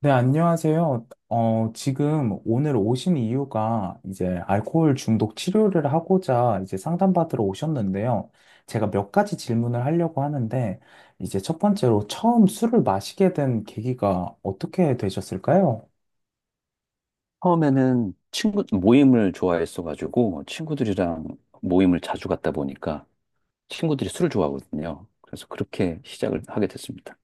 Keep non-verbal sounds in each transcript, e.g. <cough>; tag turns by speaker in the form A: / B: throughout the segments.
A: 네, 안녕하세요. 지금 오늘 오신 이유가 이제 알코올 중독 치료를 하고자 이제 상담받으러 오셨는데요. 제가 몇 가지 질문을 하려고 하는데, 이제 첫 번째로 처음 술을 마시게 된 계기가 어떻게 되셨을까요?
B: 처음에는 친구 모임을 좋아했어가지고 친구들이랑 모임을 자주 갔다 보니까 친구들이 술을 좋아하거든요. 그래서 그렇게 시작을 하게 됐습니다.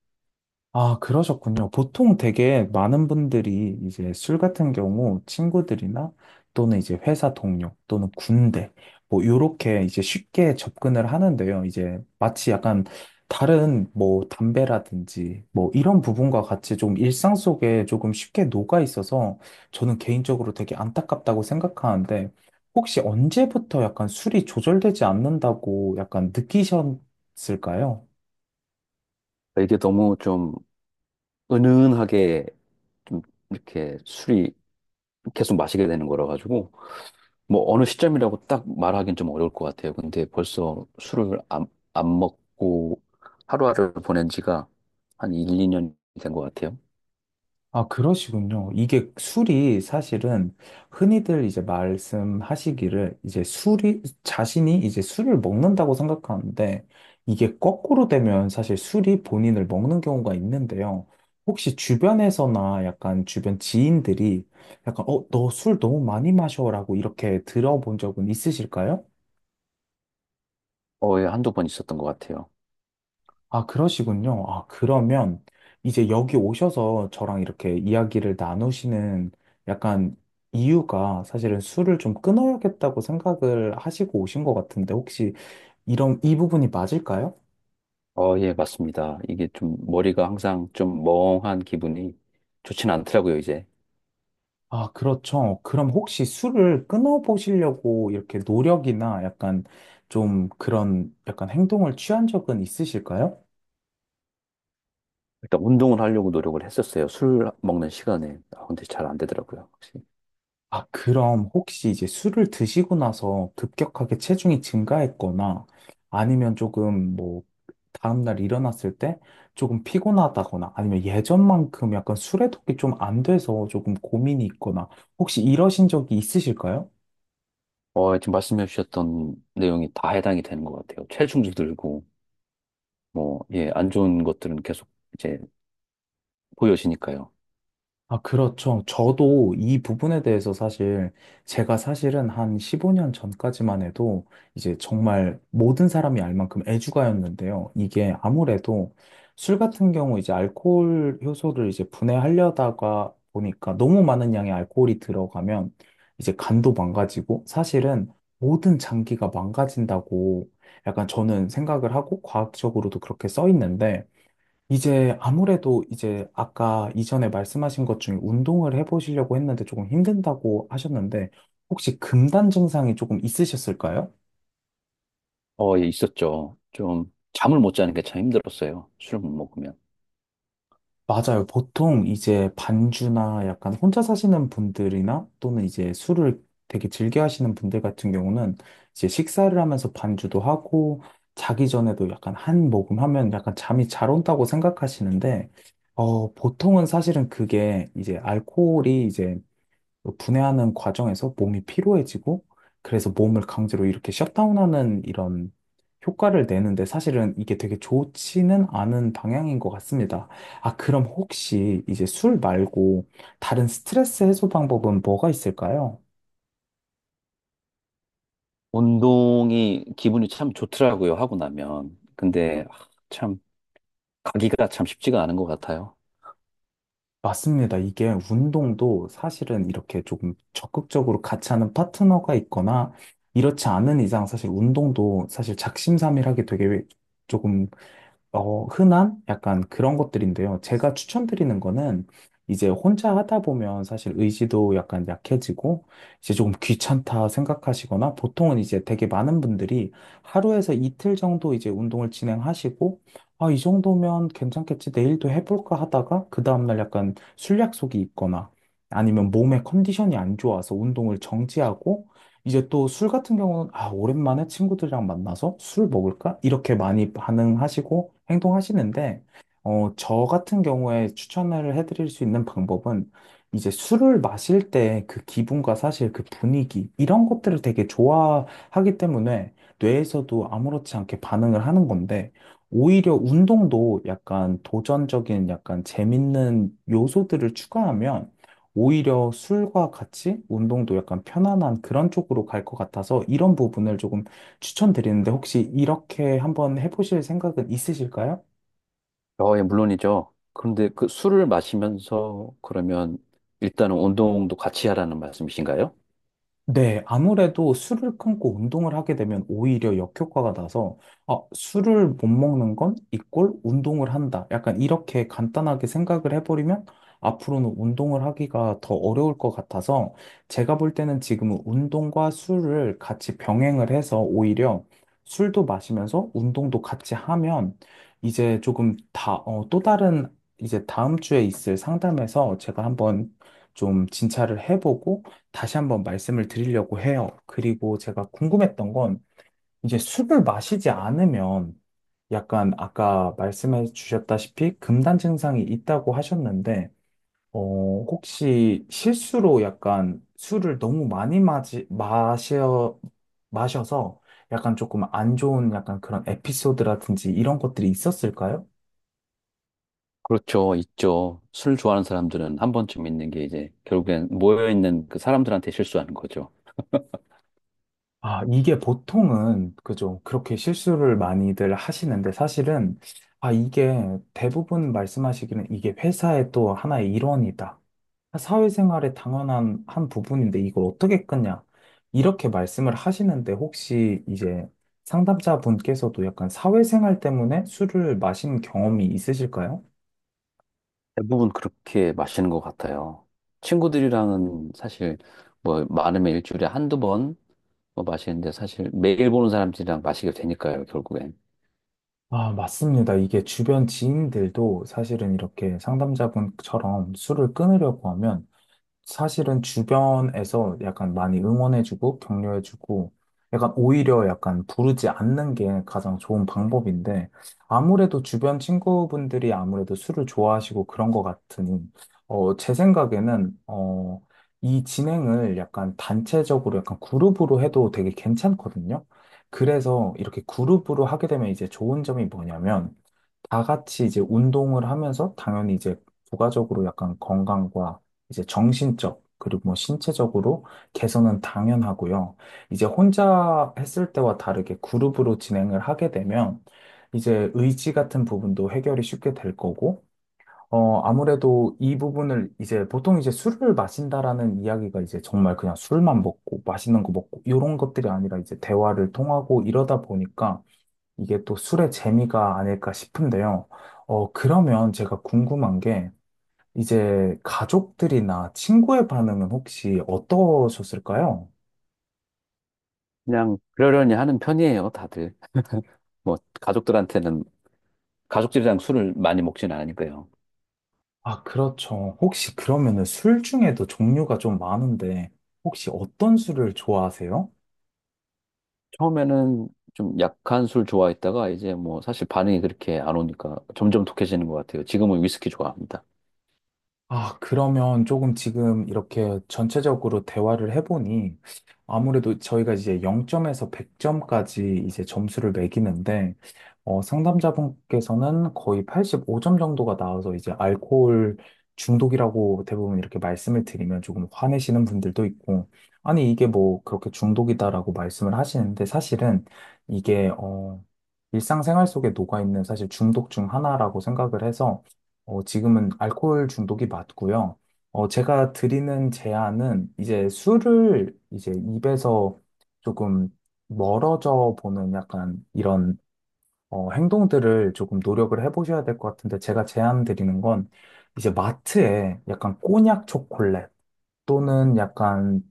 A: 아, 그러셨군요. 보통 되게 많은 분들이 이제 술 같은 경우 친구들이나 또는 이제 회사 동료 또는 군대 뭐 요렇게 이제 쉽게 접근을 하는데요. 이제 마치 약간 다른 뭐 담배라든지 뭐 이런 부분과 같이 좀 일상 속에 조금 쉽게 녹아 있어서 저는 개인적으로 되게 안타깝다고 생각하는데 혹시 언제부터 약간 술이 조절되지 않는다고 약간 느끼셨을까요?
B: 이게 너무 좀 은은하게 좀 이렇게 술이 계속 마시게 되는 거라 가지고 뭐 어느 시점이라고 딱 말하기는 좀 어려울 것 같아요. 근데 벌써 술을 안 먹고 하루하루를 보낸 지가 한 1, 2년이 된 것 같아요.
A: 아, 그러시군요. 이게 술이 사실은 흔히들 이제 말씀하시기를 이제 술이, 자신이 이제 술을 먹는다고 생각하는데 이게 거꾸로 되면 사실 술이 본인을 먹는 경우가 있는데요. 혹시 주변에서나 약간 주변 지인들이 약간, 너 술 너무 많이 마셔라고 이렇게 들어본 적은 있으실까요?
B: 거의 한두 번 있었던 것 같아요.
A: 아, 그러시군요. 아, 그러면 이제 여기 오셔서 저랑 이렇게 이야기를 나누시는 약간 이유가 사실은 술을 좀 끊어야겠다고 생각을 하시고 오신 것 같은데 혹시 이런, 이 부분이 맞을까요?
B: 예, 맞습니다. 이게 좀 머리가 항상 좀 멍한 기분이 좋진 않더라고요, 이제.
A: 아, 그렇죠. 그럼 혹시 술을 끊어보시려고 이렇게 노력이나 약간 좀 그런 약간 행동을 취한 적은 있으실까요?
B: 일단 운동을 하려고 노력을 했었어요. 술 먹는 시간에. 아, 근데 잘 안 되더라고요, 혹시.
A: 아, 그럼 혹시 이제 술을 드시고 나서 급격하게 체중이 증가했거나 아니면 조금 뭐 다음날 일어났을 때 조금 피곤하다거나 아니면 예전만큼 약간 술에 독이 좀 안 돼서 조금 고민이 있거나 혹시 이러신 적이 있으실까요?
B: 지금 말씀해 주셨던 내용이 다 해당이 되는 것 같아요. 체중도 들고, 뭐, 예, 안 좋은 것들은 계속 이제 보여지니까요.
A: 아, 그렇죠. 저도 이 부분에 대해서 사실 제가 사실은 한 15년 전까지만 해도 이제 정말 모든 사람이 알 만큼 애주가였는데요. 이게 아무래도 술 같은 경우 이제 알코올 효소를 이제 분해하려다가 보니까 너무 많은 양의 알코올이 들어가면 이제 간도 망가지고 사실은 모든 장기가 망가진다고 약간 저는 생각을 하고 과학적으로도 그렇게 써 있는데 이제 아무래도 이제 아까 이전에 말씀하신 것 중에 운동을 해보시려고 했는데 조금 힘든다고 하셨는데 혹시 금단 증상이 조금 있으셨을까요?
B: 예, 있었죠. 좀 잠을 못 자는 게 참 힘들었어요. 술을 못 먹으면.
A: 맞아요. 보통 이제 반주나 약간 혼자 사시는 분들이나 또는 이제 술을 되게 즐겨 하시는 분들 같은 경우는 이제 식사를 하면서 반주도 하고 자기 전에도 약간 한 모금 하면 약간 잠이 잘 온다고 생각하시는데 보통은 사실은 그게 이제 알코올이 이제 분해하는 과정에서 몸이 피로해지고 그래서 몸을 강제로 이렇게 셧다운하는 이런 효과를 내는데 사실은 이게 되게 좋지는 않은 방향인 것 같습니다. 아, 그럼 혹시 이제 술 말고 다른 스트레스 해소 방법은 뭐가 있을까요?
B: 운동이 기분이 참 좋더라고요, 하고 나면. 근데, 아, 참, 가기가 참 쉽지가 않은 것 같아요.
A: 맞습니다. 이게 운동도 사실은 이렇게 조금 적극적으로 같이 하는 파트너가 있거나 이렇지 않은 이상 사실 운동도 사실 작심삼일하게 되게 조금 흔한 약간 그런 것들인데요. 제가 추천드리는 거는 이제 혼자 하다 보면 사실 의지도 약간 약해지고 이제 조금 귀찮다 생각하시거나 보통은 이제 되게 많은 분들이 하루에서 이틀 정도 이제 운동을 진행하시고 아, 이 정도면 괜찮겠지. 내일도 해볼까 하다가 그 다음날 약간 술약속이 있거나 아니면 몸의 컨디션이 안 좋아서 운동을 정지하고 이제 또 술 같은 경우는 아, 오랜만에 친구들이랑 만나서 술 먹을까? 이렇게 많이 반응하시고 행동하시는데, 저 같은 경우에 추천을 해드릴 수 있는 방법은 이제 술을 마실 때 그 기분과 사실 그 분위기, 이런 것들을 되게 좋아하기 때문에 뇌에서도 아무렇지 않게 반응을 하는 건데, 오히려 운동도 약간 도전적인 약간 재밌는 요소들을 추가하면 오히려 술과 같이 운동도 약간 편안한 그런 쪽으로 갈 것 같아서 이런 부분을 조금 추천드리는데 혹시 이렇게 한번 해보실 생각은 있으실까요?
B: 예, 물론이죠. 그런데 그 술을 마시면서 그러면 일단은 운동도 같이 하라는 말씀이신가요?
A: 네, 아무래도 술을 끊고 운동을 하게 되면 오히려 역효과가 나서, 아, 술을 못 먹는 건 이꼴 운동을 한다. 약간 이렇게 간단하게 생각을 해버리면 앞으로는 운동을 하기가 더 어려울 것 같아서 제가 볼 때는 지금은 운동과 술을 같이 병행을 해서 오히려 술도 마시면서 운동도 같이 하면 이제 조금 다, 또 다른 이제 다음 주에 있을 상담에서 제가 한번 좀 진찰을 해보고 다시 한번 말씀을 드리려고 해요. 그리고 제가 궁금했던 건 이제 술을 마시지 않으면 약간 아까 말씀해 주셨다시피 금단 증상이 있다고 하셨는데 혹시 실수로 약간 술을 너무 많이 마셔서 약간 조금 안 좋은 약간 그런 에피소드라든지 이런 것들이 있었을까요?
B: 그렇죠, 있죠. 술 좋아하는 사람들은 한 번쯤 있는 게 이제 결국엔 모여있는 그 사람들한테 실수하는 거죠.
A: 아, 이게 보통은, 그죠. 그렇게 실수를 많이들 하시는데 사실은, 아, 이게 대부분 말씀하시기는 이게 회사의 또 하나의 일원이다. 사회생활의 당연한 한 부분인데 이걸 어떻게 끊냐. 이렇게 말씀을 하시는데 혹시 이제 상담자분께서도 약간 사회생활 때문에 술을 마신 경험이 있으실까요?
B: 대부분 그렇게 마시는 것 같아요. 친구들이랑은 사실 뭐 많으면 일주일에 한두 번 뭐 마시는데 사실 매일 보는 사람들이랑 마시게 되니까요, 결국엔.
A: 아, 맞습니다. 이게 주변 지인들도 사실은 이렇게 상담자분처럼 술을 끊으려고 하면 사실은 주변에서 약간 많이 응원해주고 격려해주고 약간 오히려 약간 부르지 않는 게 가장 좋은 방법인데 아무래도 주변 친구분들이 아무래도 술을 좋아하시고 그런 것 같으니 제 생각에는 이 진행을 약간 단체적으로 약간 그룹으로 해도 되게 괜찮거든요. 그래서 이렇게 그룹으로 하게 되면 이제 좋은 점이 뭐냐면 다 같이 이제 운동을 하면서 당연히 이제 부가적으로 약간 건강과 이제 정신적 그리고 뭐 신체적으로 개선은 당연하고요. 이제 혼자 했을 때와 다르게 그룹으로 진행을 하게 되면 이제 의지 같은 부분도 해결이 쉽게 될 거고, 아무래도 이 부분을 이제 보통 이제 술을 마신다라는 이야기가 이제 정말 그냥 술만 먹고 맛있는 거 먹고 이런 것들이 아니라 이제 대화를 통하고 이러다 보니까 이게 또 술의 재미가 아닐까 싶은데요. 그러면 제가 궁금한 게 이제 가족들이나 친구의 반응은 혹시 어떠셨을까요?
B: 그냥 그러려니 하는 편이에요, 다들. <laughs> 뭐 가족들한테는 가족들이랑 술을 많이 먹진 않으니까요.
A: 아, 그렇죠. 혹시 그러면은 술 중에도 종류가 좀 많은데 혹시 어떤 술을 좋아하세요?
B: 처음에는 좀 약한 술 좋아했다가 이제 뭐 사실 반응이 그렇게 안 오니까 점점 독해지는 것 같아요. 지금은 위스키 좋아합니다.
A: 아, 그러면 조금 지금 이렇게 전체적으로 대화를 해보니 아무래도 저희가 이제 0점에서 100점까지 이제 점수를 매기는데 상담자분께서는 거의 85점 정도가 나와서 이제 알코올 중독이라고 대부분 이렇게 말씀을 드리면 조금 화내시는 분들도 있고 아니 이게 뭐 그렇게 중독이다라고 말씀을 하시는데 사실은 이게 일상생활 속에 녹아있는 사실 중독 중 하나라고 생각을 해서 지금은 알코올 중독이 맞고요. 제가 드리는 제안은 이제 술을 이제 입에서 조금 멀어져 보는 약간 이런 행동들을 조금 노력을 해보셔야 될 것 같은데 제가 제안 드리는 건 이제 마트에 약간 꼬냑 초콜릿 또는 약간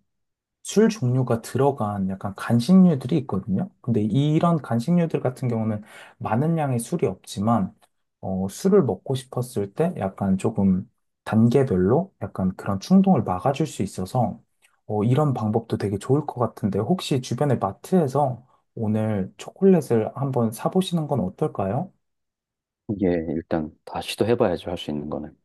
A: 술 종류가 들어간 약간 간식류들이 있거든요. 근데 이런 간식류들 같은 경우는 많은 양의 술이 없지만, 술을 먹고 싶었을 때 약간 조금 단계별로 약간 그런 충동을 막아줄 수 있어서, 이런 방법도 되게 좋을 것 같은데, 혹시 주변의 마트에서 오늘 초콜릿을 한번 사보시는 건 어떨까요?
B: 예, 일단 다 시도해봐야죠. 할 수 있는 거는.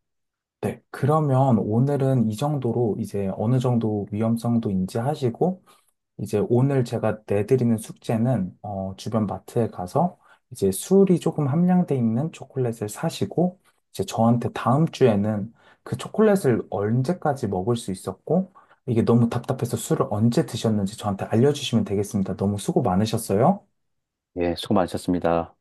A: 네, 그러면 오늘은 이 정도로 이제 어느 정도 위험성도 인지하시고, 이제 오늘 제가 내드리는 숙제는 주변 마트에 가서 이제 술이 조금 함량돼 있는 초콜릿을 사시고 이제 저한테 다음 주에는 그 초콜릿을 언제까지 먹을 수 있었고 이게 너무 답답해서 술을 언제 드셨는지 저한테 알려주시면 되겠습니다. 너무 수고 많으셨어요.
B: 예, 수고 많으셨습니다.